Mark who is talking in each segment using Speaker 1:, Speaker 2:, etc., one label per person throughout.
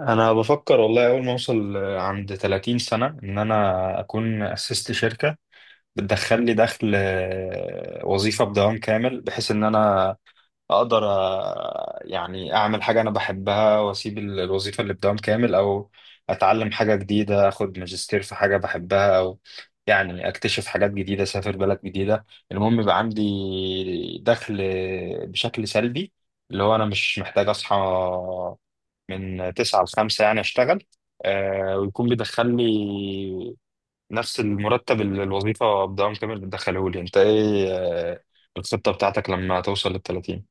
Speaker 1: انا بفكر والله، اول ما اوصل عند 30 سنة ان انا اكون اسست شركة بتدخل لي دخل، وظيفة بدوام كامل بحيث ان انا اقدر، يعني اعمل حاجة انا بحبها واسيب الوظيفة اللي بدوام كامل، او اتعلم حاجة جديدة، اخد ماجستير في حاجة بحبها، او يعني اكتشف حاجات جديدة، اسافر بلد جديدة. المهم يبقى عندي دخل بشكل سلبي، اللي هو انا مش محتاج اصحى من 9 ل 5 يعني اشتغل، ويكون بيدخل لي نفس المرتب اللي الوظيفة بدوام كامل بتدخله لي. انت ايه، الخطة بتاعتك لما توصل لل 30؟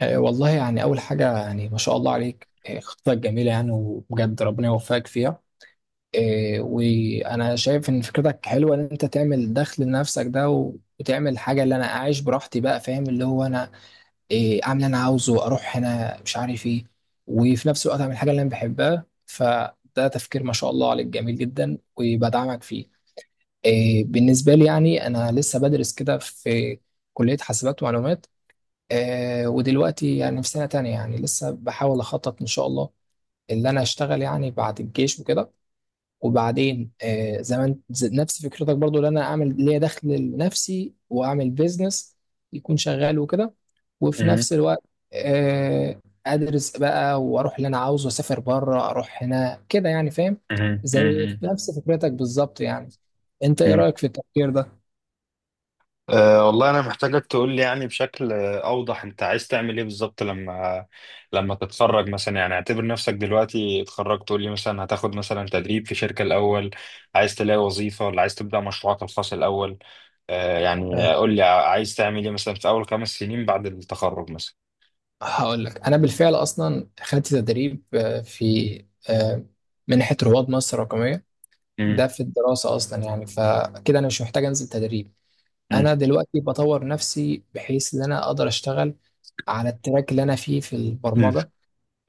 Speaker 2: والله يعني أول حاجة يعني ما شاء الله عليك، خطتك جميلة يعني وبجد ربنا يوفقك فيها. وأنا شايف إن فكرتك حلوة، إن أنت تعمل دخل لنفسك ده وتعمل حاجة اللي أنا أعيش براحتي بقى، فاهم؟ اللي هو أنا أعمل اللي أنا عاوزه، أروح هنا مش عارف إيه، وفي نفس الوقت أعمل الحاجة اللي أنا بحبها، فده تفكير ما شاء الله عليك جميل جدا وبدعمك فيه. بالنسبة لي يعني أنا لسه بدرس كده في كلية حاسبات ومعلومات، ودلوقتي يعني في سنة تانية، يعني لسه بحاول أخطط إن شاء الله اللي أنا أشتغل يعني بعد الجيش وكده. وبعدين زي ما أنت- زي- نفس فكرتك برضو، اللي أنا أعمل ليا دخل لنفسي وأعمل بيزنس يكون شغال وكده، وفي
Speaker 1: مهم.
Speaker 2: نفس الوقت آه أدرس بقى وأروح اللي أنا عاوزه، أسافر بره، أروح هنا كده يعني، فاهم؟ زي
Speaker 1: مهم.
Speaker 2: نفس فكرتك بالظبط يعني. أنت إيه
Speaker 1: مهم.
Speaker 2: رأيك في التفكير ده؟
Speaker 1: والله أنا محتاجك تقول لي يعني بشكل أوضح، أنت عايز تعمل إيه بالظبط لما تتخرج مثلا. يعني اعتبر نفسك دلوقتي اتخرجت، تقول لي مثلا هتاخد مثلا تدريب في شركة الأول، عايز تلاقي وظيفة ولا عايز تبدأ مشروعك الخاص الأول؟ يعني قول لي عايز تعمل إيه مثلا في أول خمس سنين بعد التخرج مثلا؟
Speaker 2: هقول لك، انا بالفعل اصلا خدت تدريب في آه، منحه رواد مصر الرقميه
Speaker 1: مم.
Speaker 2: ده في الدراسه اصلا، يعني فكده انا مش محتاج انزل تدريب.
Speaker 1: مم.
Speaker 2: انا دلوقتي بطور نفسي بحيث ان انا اقدر اشتغل على التراك اللي انا فيه في
Speaker 1: مم.
Speaker 2: البرمجه،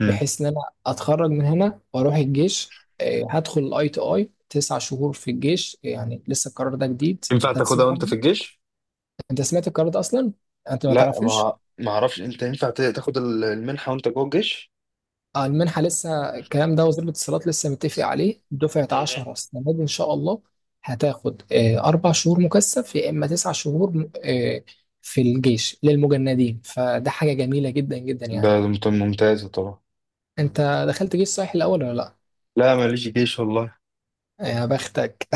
Speaker 1: مم.
Speaker 2: بحيث ان انا اتخرج من هنا واروح الجيش. هدخل اي تي اي 9 شهور في الجيش، يعني لسه القرار ده جديد،
Speaker 1: ينفع
Speaker 2: انت
Speaker 1: تاخدها
Speaker 2: تسمع؟
Speaker 1: وانت في الجيش؟
Speaker 2: انت سمعت القرار ده اصلا؟ انت ما
Speaker 1: لا،
Speaker 2: تعرفوش؟
Speaker 1: ما أعرفش. أنت ينفع تاخد المنحة وأنت جوه الجيش؟
Speaker 2: المنحة لسه الكلام ده، وزير الاتصالات لسه متفق عليه دفعة
Speaker 1: مهم.
Speaker 2: 10 السنة دي إن شاء الله. هتاخد 4 شهور مكثف، يا إما 9 شهور في الجيش للمجندين، فده حاجة جميلة جدا جدا
Speaker 1: ده
Speaker 2: يعني.
Speaker 1: ممتازة طبعا.
Speaker 2: أنت دخلت جيش صحيح الأول ولا لأ؟
Speaker 1: لا، ماليش جيش والله.
Speaker 2: يا بختك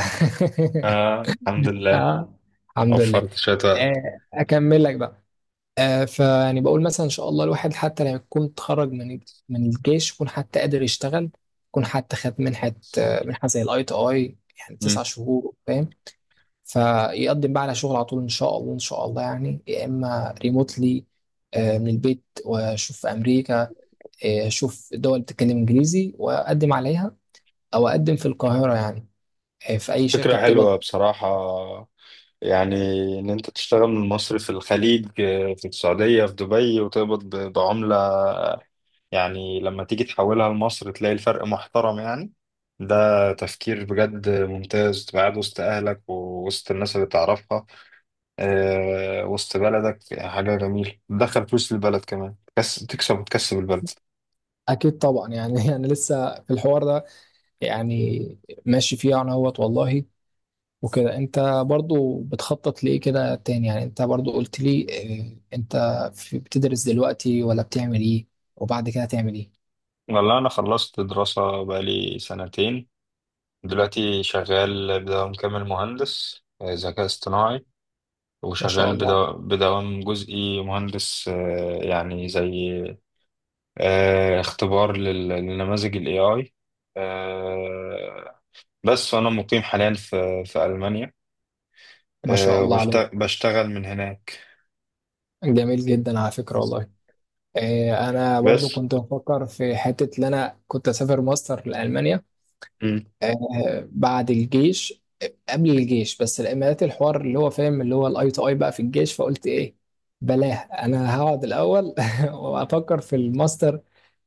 Speaker 1: آه، الحمد لله.
Speaker 2: آه، الحمد لله.
Speaker 1: وفرت شوية وقت.
Speaker 2: أكمل لك بقى. فيعني بقول مثلا ان شاء الله الواحد حتى لما يكون اتخرج من الجيش يكون حتى قادر يشتغل، يكون حتى خد منحه، منحه زي الاي تي اي يعني
Speaker 1: مم.
Speaker 2: 9 شهور، فاهم؟ فيقدم بقى على شغل على طول ان شاء الله، ان شاء الله يعني، يا اما ريموتلي من البيت واشوف في امريكا. اشوف دول بتتكلم انجليزي واقدم عليها، او اقدم في القاهره يعني في اي شركه
Speaker 1: فكرة
Speaker 2: بتقبض.
Speaker 1: حلوة بصراحة، يعني إن أنت تشتغل من مصر في الخليج، في السعودية، في دبي، وتقبض بعملة، يعني لما تيجي تحولها لمصر تلاقي الفرق محترم يعني. ده تفكير بجد ممتاز، تبقى قاعد وسط أهلك ووسط الناس اللي تعرفها، وسط بلدك. حاجة جميلة، تدخل فلوس للبلد كمان، بس تكسب وتكسب البلد.
Speaker 2: اكيد طبعا يعني انا لسه في الحوار ده يعني، ماشي فيه انا اهوت والله وكده. انت برضو بتخطط لإيه كده تاني؟ يعني انت برضو قلت لي اه، انت بتدرس دلوقتي ولا بتعمل ايه؟ وبعد كده تعمل ايه؟
Speaker 1: والله أنا خلصت دراسة بقالي سنتين. دلوقتي شغال بدوام كامل مهندس ذكاء اصطناعي،
Speaker 2: ما شاء
Speaker 1: وشغال
Speaker 2: الله،
Speaker 1: بدوام جزئي مهندس، يعني زي اختبار لنماذج ال AI، آه، بس. وأنا مقيم حاليا في ألمانيا،
Speaker 2: ما شاء الله عليك،
Speaker 1: بشتغل من هناك.
Speaker 2: جميل جدا على فكرة والله. اه، انا برضو
Speaker 1: بس.
Speaker 2: كنت بفكر في حتة ان انا كنت اسافر ماستر لألمانيا،
Speaker 1: م-
Speaker 2: اه، بعد الجيش، قبل الجيش، بس الامارات الحوار اللي هو فاهم، اللي هو الاي تو اي بقى في الجيش، فقلت ايه بلاه، انا هقعد الاول وافكر في الماستر.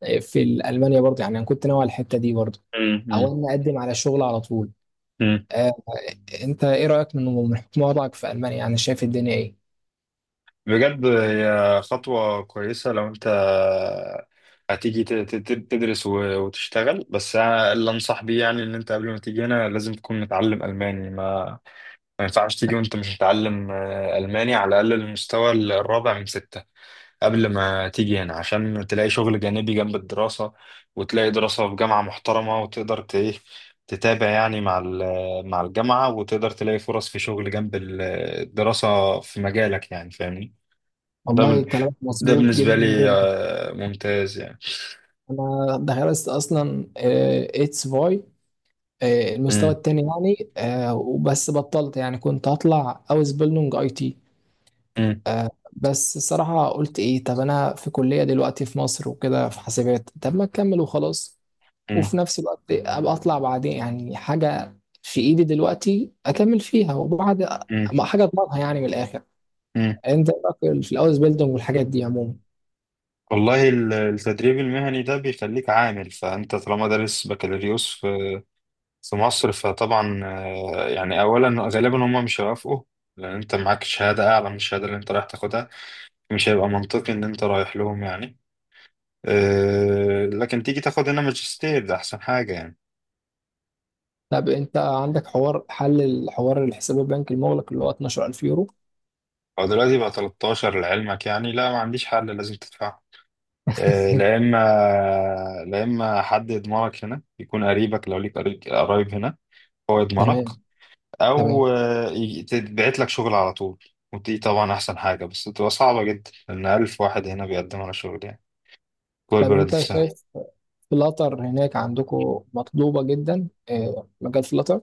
Speaker 2: في المانيا برضه، يعني انا كنت ناوي على الحته دي برضه،
Speaker 1: م-
Speaker 2: او
Speaker 1: م-
Speaker 2: ان اقدم على شغل على طول.
Speaker 1: م.
Speaker 2: آه، انت ايه رايك من حكم وضعك في المانيا، يعني شايف الدنيا ايه؟
Speaker 1: بجد هي خطوة كويسة لو أنت هتيجي تدرس وتشتغل. بس أنا اللي أنصح بيه يعني إن أنت قبل ما تيجي هنا لازم تكون متعلم ألماني. ما ينفعش تيجي وأنت مش متعلم، ألماني، على الأقل المستوى الرابع من ستة، قبل ما تيجي هنا، عشان تلاقي شغل جانبي جنب الدراسة، وتلاقي دراسة في جامعة محترمة، وتقدر إيه، تتابع يعني مع مع الجامعة، وتقدر تلاقي فرص في شغل جنب الدراسة في مجالك، يعني فاهمني؟ ده
Speaker 2: والله كلامك
Speaker 1: ده
Speaker 2: مظبوط
Speaker 1: بالنسبة
Speaker 2: جدا
Speaker 1: لي،
Speaker 2: جدا.
Speaker 1: ممتاز يعني.
Speaker 2: انا درست اصلا اتس فاي المستوى
Speaker 1: مم.
Speaker 2: التاني يعني، وبس بطلت يعني، كنت هطلع اوز بيلدونج اي تي.
Speaker 1: مم.
Speaker 2: بس الصراحة قلت إيه، طب أنا في كلية دلوقتي في مصر وكده في حاسبات، طب ما أكمل وخلاص، وفي
Speaker 1: مم.
Speaker 2: نفس الوقت أبقى أطلع بعدين، يعني حاجة في إيدي دلوقتي أكمل فيها وبعد
Speaker 1: مم.
Speaker 2: ما حاجة أضمنها يعني من الآخر.
Speaker 1: مم.
Speaker 2: أنت بقى في الأوز بيلدونج والحاجات دي عموما؟
Speaker 1: والله، التدريب المهني ده بيخليك عامل، فأنت طالما دارس بكالوريوس في مصر، فطبعا، يعني أولا غالبا هم مش هيوافقوا، لأن أنت معاك شهادة أعلى من الشهادة اللي أنت رايح تاخدها. مش هيبقى منطقي إن أنت رايح لهم يعني. لكن تيجي تاخد هنا ماجستير، ده أحسن حاجة يعني.
Speaker 2: طب أنت عندك حوار حل الحوار، الحساب البنكي المغلق اللي هو 12,000 يورو؟
Speaker 1: هو دلوقتي بقى 13 لعلمك يعني. لا، ما عنديش حل، لازم تدفع. آه، لا اما لا اما حد يضمنك هنا، يكون قريبك لو ليك قريب، قرايب هنا، هو يضمنك،
Speaker 2: تمام،
Speaker 1: او
Speaker 2: تمام.
Speaker 1: تتبعت لك شغل على طول. ودي طبعا احسن حاجه، بس بتبقى صعبه جدا لان الف واحد هنا بيقدم على شغل يعني، جوه
Speaker 2: طب
Speaker 1: البلد
Speaker 2: أنت
Speaker 1: نفسها.
Speaker 2: شايف فلاتر هناك عندكم مطلوبة جدا، مجال فلاتر؟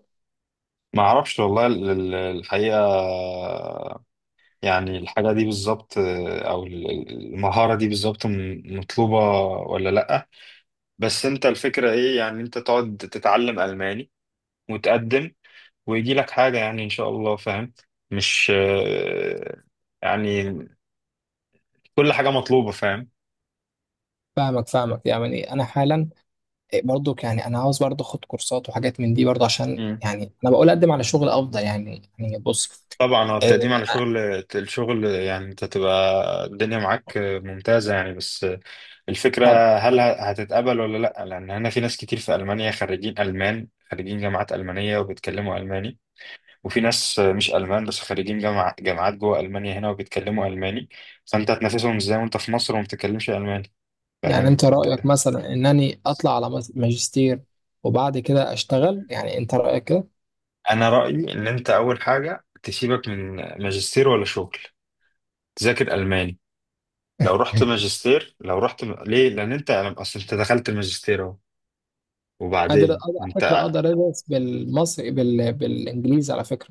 Speaker 1: ما اعرفش والله الحقيقه، يعني الحاجه دي بالظبط، او المهاره دي بالظبط مطلوبه ولا لا. بس انت الفكره ايه؟ يعني انت تقعد تتعلم الماني وتقدم، ويجي لك حاجة يعني إن شاء الله، فاهم؟ مش يعني كل حاجة مطلوبة، فاهم.
Speaker 2: فاهمك فاهمك، يعني انا حالا برضو يعني انا عاوز برضو اخد كورسات وحاجات من دي برضو، عشان
Speaker 1: مم.
Speaker 2: يعني انا بقول اقدم على شغل افضل، يعني بص.
Speaker 1: طبعا هو
Speaker 2: آه،
Speaker 1: التقديم على
Speaker 2: آه،
Speaker 1: شغل، الشغل يعني، انت تبقى الدنيا معاك ممتازة يعني. بس الفكرة،
Speaker 2: طب
Speaker 1: هل هتتقبل ولا لأ؟ لأن هنا في ناس كتير في ألمانيا خريجين ألمان، خريجين جامعات ألمانية وبيتكلموا ألماني، وفي ناس مش ألمان بس خريجين جامعات جوه ألمانيا هنا وبيتكلموا ألماني، فأنت هتنافسهم ازاي وأنت في مصر وما بتتكلمش ألماني؟
Speaker 2: يعني
Speaker 1: فاهم.
Speaker 2: انت رايك مثلا انني اطلع على ماجستير وبعد كده اشتغل؟ يعني انت رايك كده؟
Speaker 1: انا رايي ان انت اول حاجه، تسيبك من ماجستير ولا شغل، تذاكر الماني. لو رحت ماجستير، لو رحت ليه؟ لان انت يعني، اصل انت دخلت الماجستير اهو.
Speaker 2: قادر أقدر-
Speaker 1: وبعدين
Speaker 2: على فكره
Speaker 1: انت
Speaker 2: اقدر ادرس بالمصري بالانجليزي على فكره،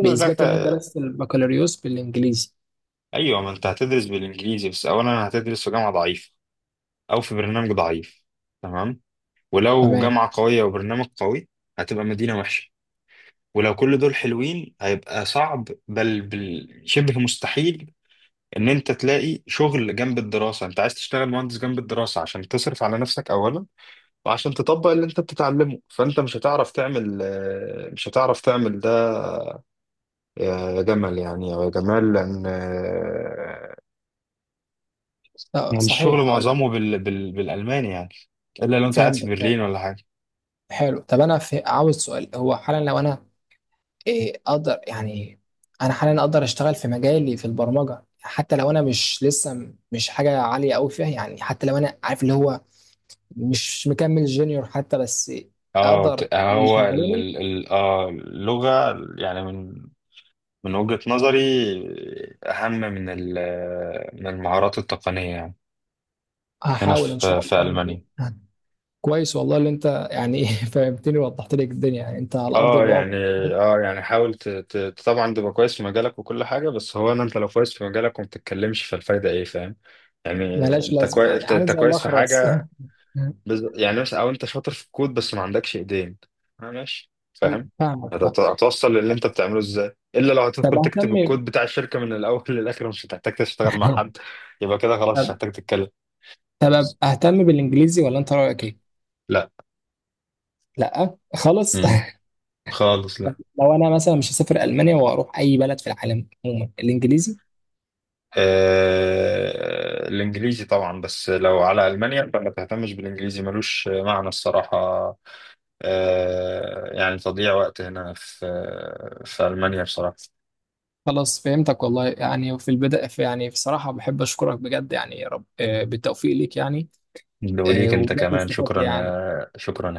Speaker 2: باثبات ان انا
Speaker 1: دخل...
Speaker 2: درست البكالوريوس بالانجليزي.
Speaker 1: ايوه، ما انت هتدرس بالانجليزي، بس اولا هتدرس في جامعه ضعيفه، او في برنامج ضعيف. تمام. ولو
Speaker 2: تمام.
Speaker 1: جامعه قويه وبرنامج قوي، هتبقى مدينه وحشه. ولو كل دول حلوين، هيبقى صعب، بل شبه مستحيل ان انت تلاقي شغل جنب الدراسه. انت عايز تشتغل مهندس جنب الدراسه عشان تصرف على نفسك اولا، وعشان تطبق اللي انت بتتعلمه، فانت مش هتعرف تعمل، مش هتعرف تعمل ده يا جمل يعني، او يا جمال، لان، يعني الشغل
Speaker 2: صحيح، اقول لك.
Speaker 1: معظمه بالالماني يعني، الا لو انت قاعد في
Speaker 2: فهمت.
Speaker 1: برلين ولا حاجه.
Speaker 2: حلو. عاوز سؤال، هو حالا لو انا اقدر يعني، انا حاليا اقدر اشتغل في مجالي في البرمجه حتى لو انا مش لسه مش حاجه عاليه قوي فيها، يعني حتى لو انا عارف اللي هو مش مكمل جونيور حتى، بس
Speaker 1: اه
Speaker 2: اقدر
Speaker 1: هو
Speaker 2: يشغلوني؟
Speaker 1: اللغه يعني، من وجهه نظري، اهم من من المهارات التقنيه يعني، هنا
Speaker 2: هحاول ان
Speaker 1: في
Speaker 2: شاء
Speaker 1: في
Speaker 2: الله
Speaker 1: المانيا.
Speaker 2: يعني. كويس والله اللي انت يعني فهمتني ووضحت لي الدنيا، يعني انت على ارض
Speaker 1: اه
Speaker 2: الواقع
Speaker 1: يعني، اه يعني حاول طبعا تبقى كويس في مجالك وكل حاجه، بس هو انت لو كويس في مجالك وما بتتكلمش، فالفايده ايه؟ فاهم يعني؟
Speaker 2: ملاش
Speaker 1: انت
Speaker 2: لازمه،
Speaker 1: كويس
Speaker 2: يعني
Speaker 1: انت
Speaker 2: عامل
Speaker 1: أنت
Speaker 2: زي
Speaker 1: كويس في
Speaker 2: الاخرس
Speaker 1: حاجه، يعني مثلا، او انت شاطر في الكود بس ما عندكش ايدين. آه ماشي، فاهم.
Speaker 2: فاهمك، فاهم.
Speaker 1: هتوصل للي انت بتعمله ازاي؟ الا لو
Speaker 2: طب
Speaker 1: هتدخل تكتب
Speaker 2: اهتم
Speaker 1: الكود بتاع الشركه من الاول للاخر، مش هتحتاج تشتغل مع حد. يبقى كده خلاص، مش
Speaker 2: طب
Speaker 1: هتحتاج تتكلم.
Speaker 2: طب اهتم بالانجليزي، ولا انت رايك ايه؟
Speaker 1: لا.
Speaker 2: لا خالص
Speaker 1: امم خالص، لا.
Speaker 2: لو انا مثلا مش هسافر المانيا واروح اي بلد في العالم عموما الانجليزي.
Speaker 1: الإنجليزي طبعا، بس لو على ألمانيا فما تهتمش بالإنجليزي، ملوش معنى الصراحة. يعني تضييع وقت هنا في ألمانيا بصراحة.
Speaker 2: خلاص فهمتك والله، يعني في البداية في، يعني بصراحة بحب أشكرك بجد يعني، يا رب بالتوفيق ليك يعني.
Speaker 1: وليك أنت
Speaker 2: وبجد
Speaker 1: كمان
Speaker 2: استفدت
Speaker 1: شكرا،
Speaker 2: يعني.
Speaker 1: يا شكرا.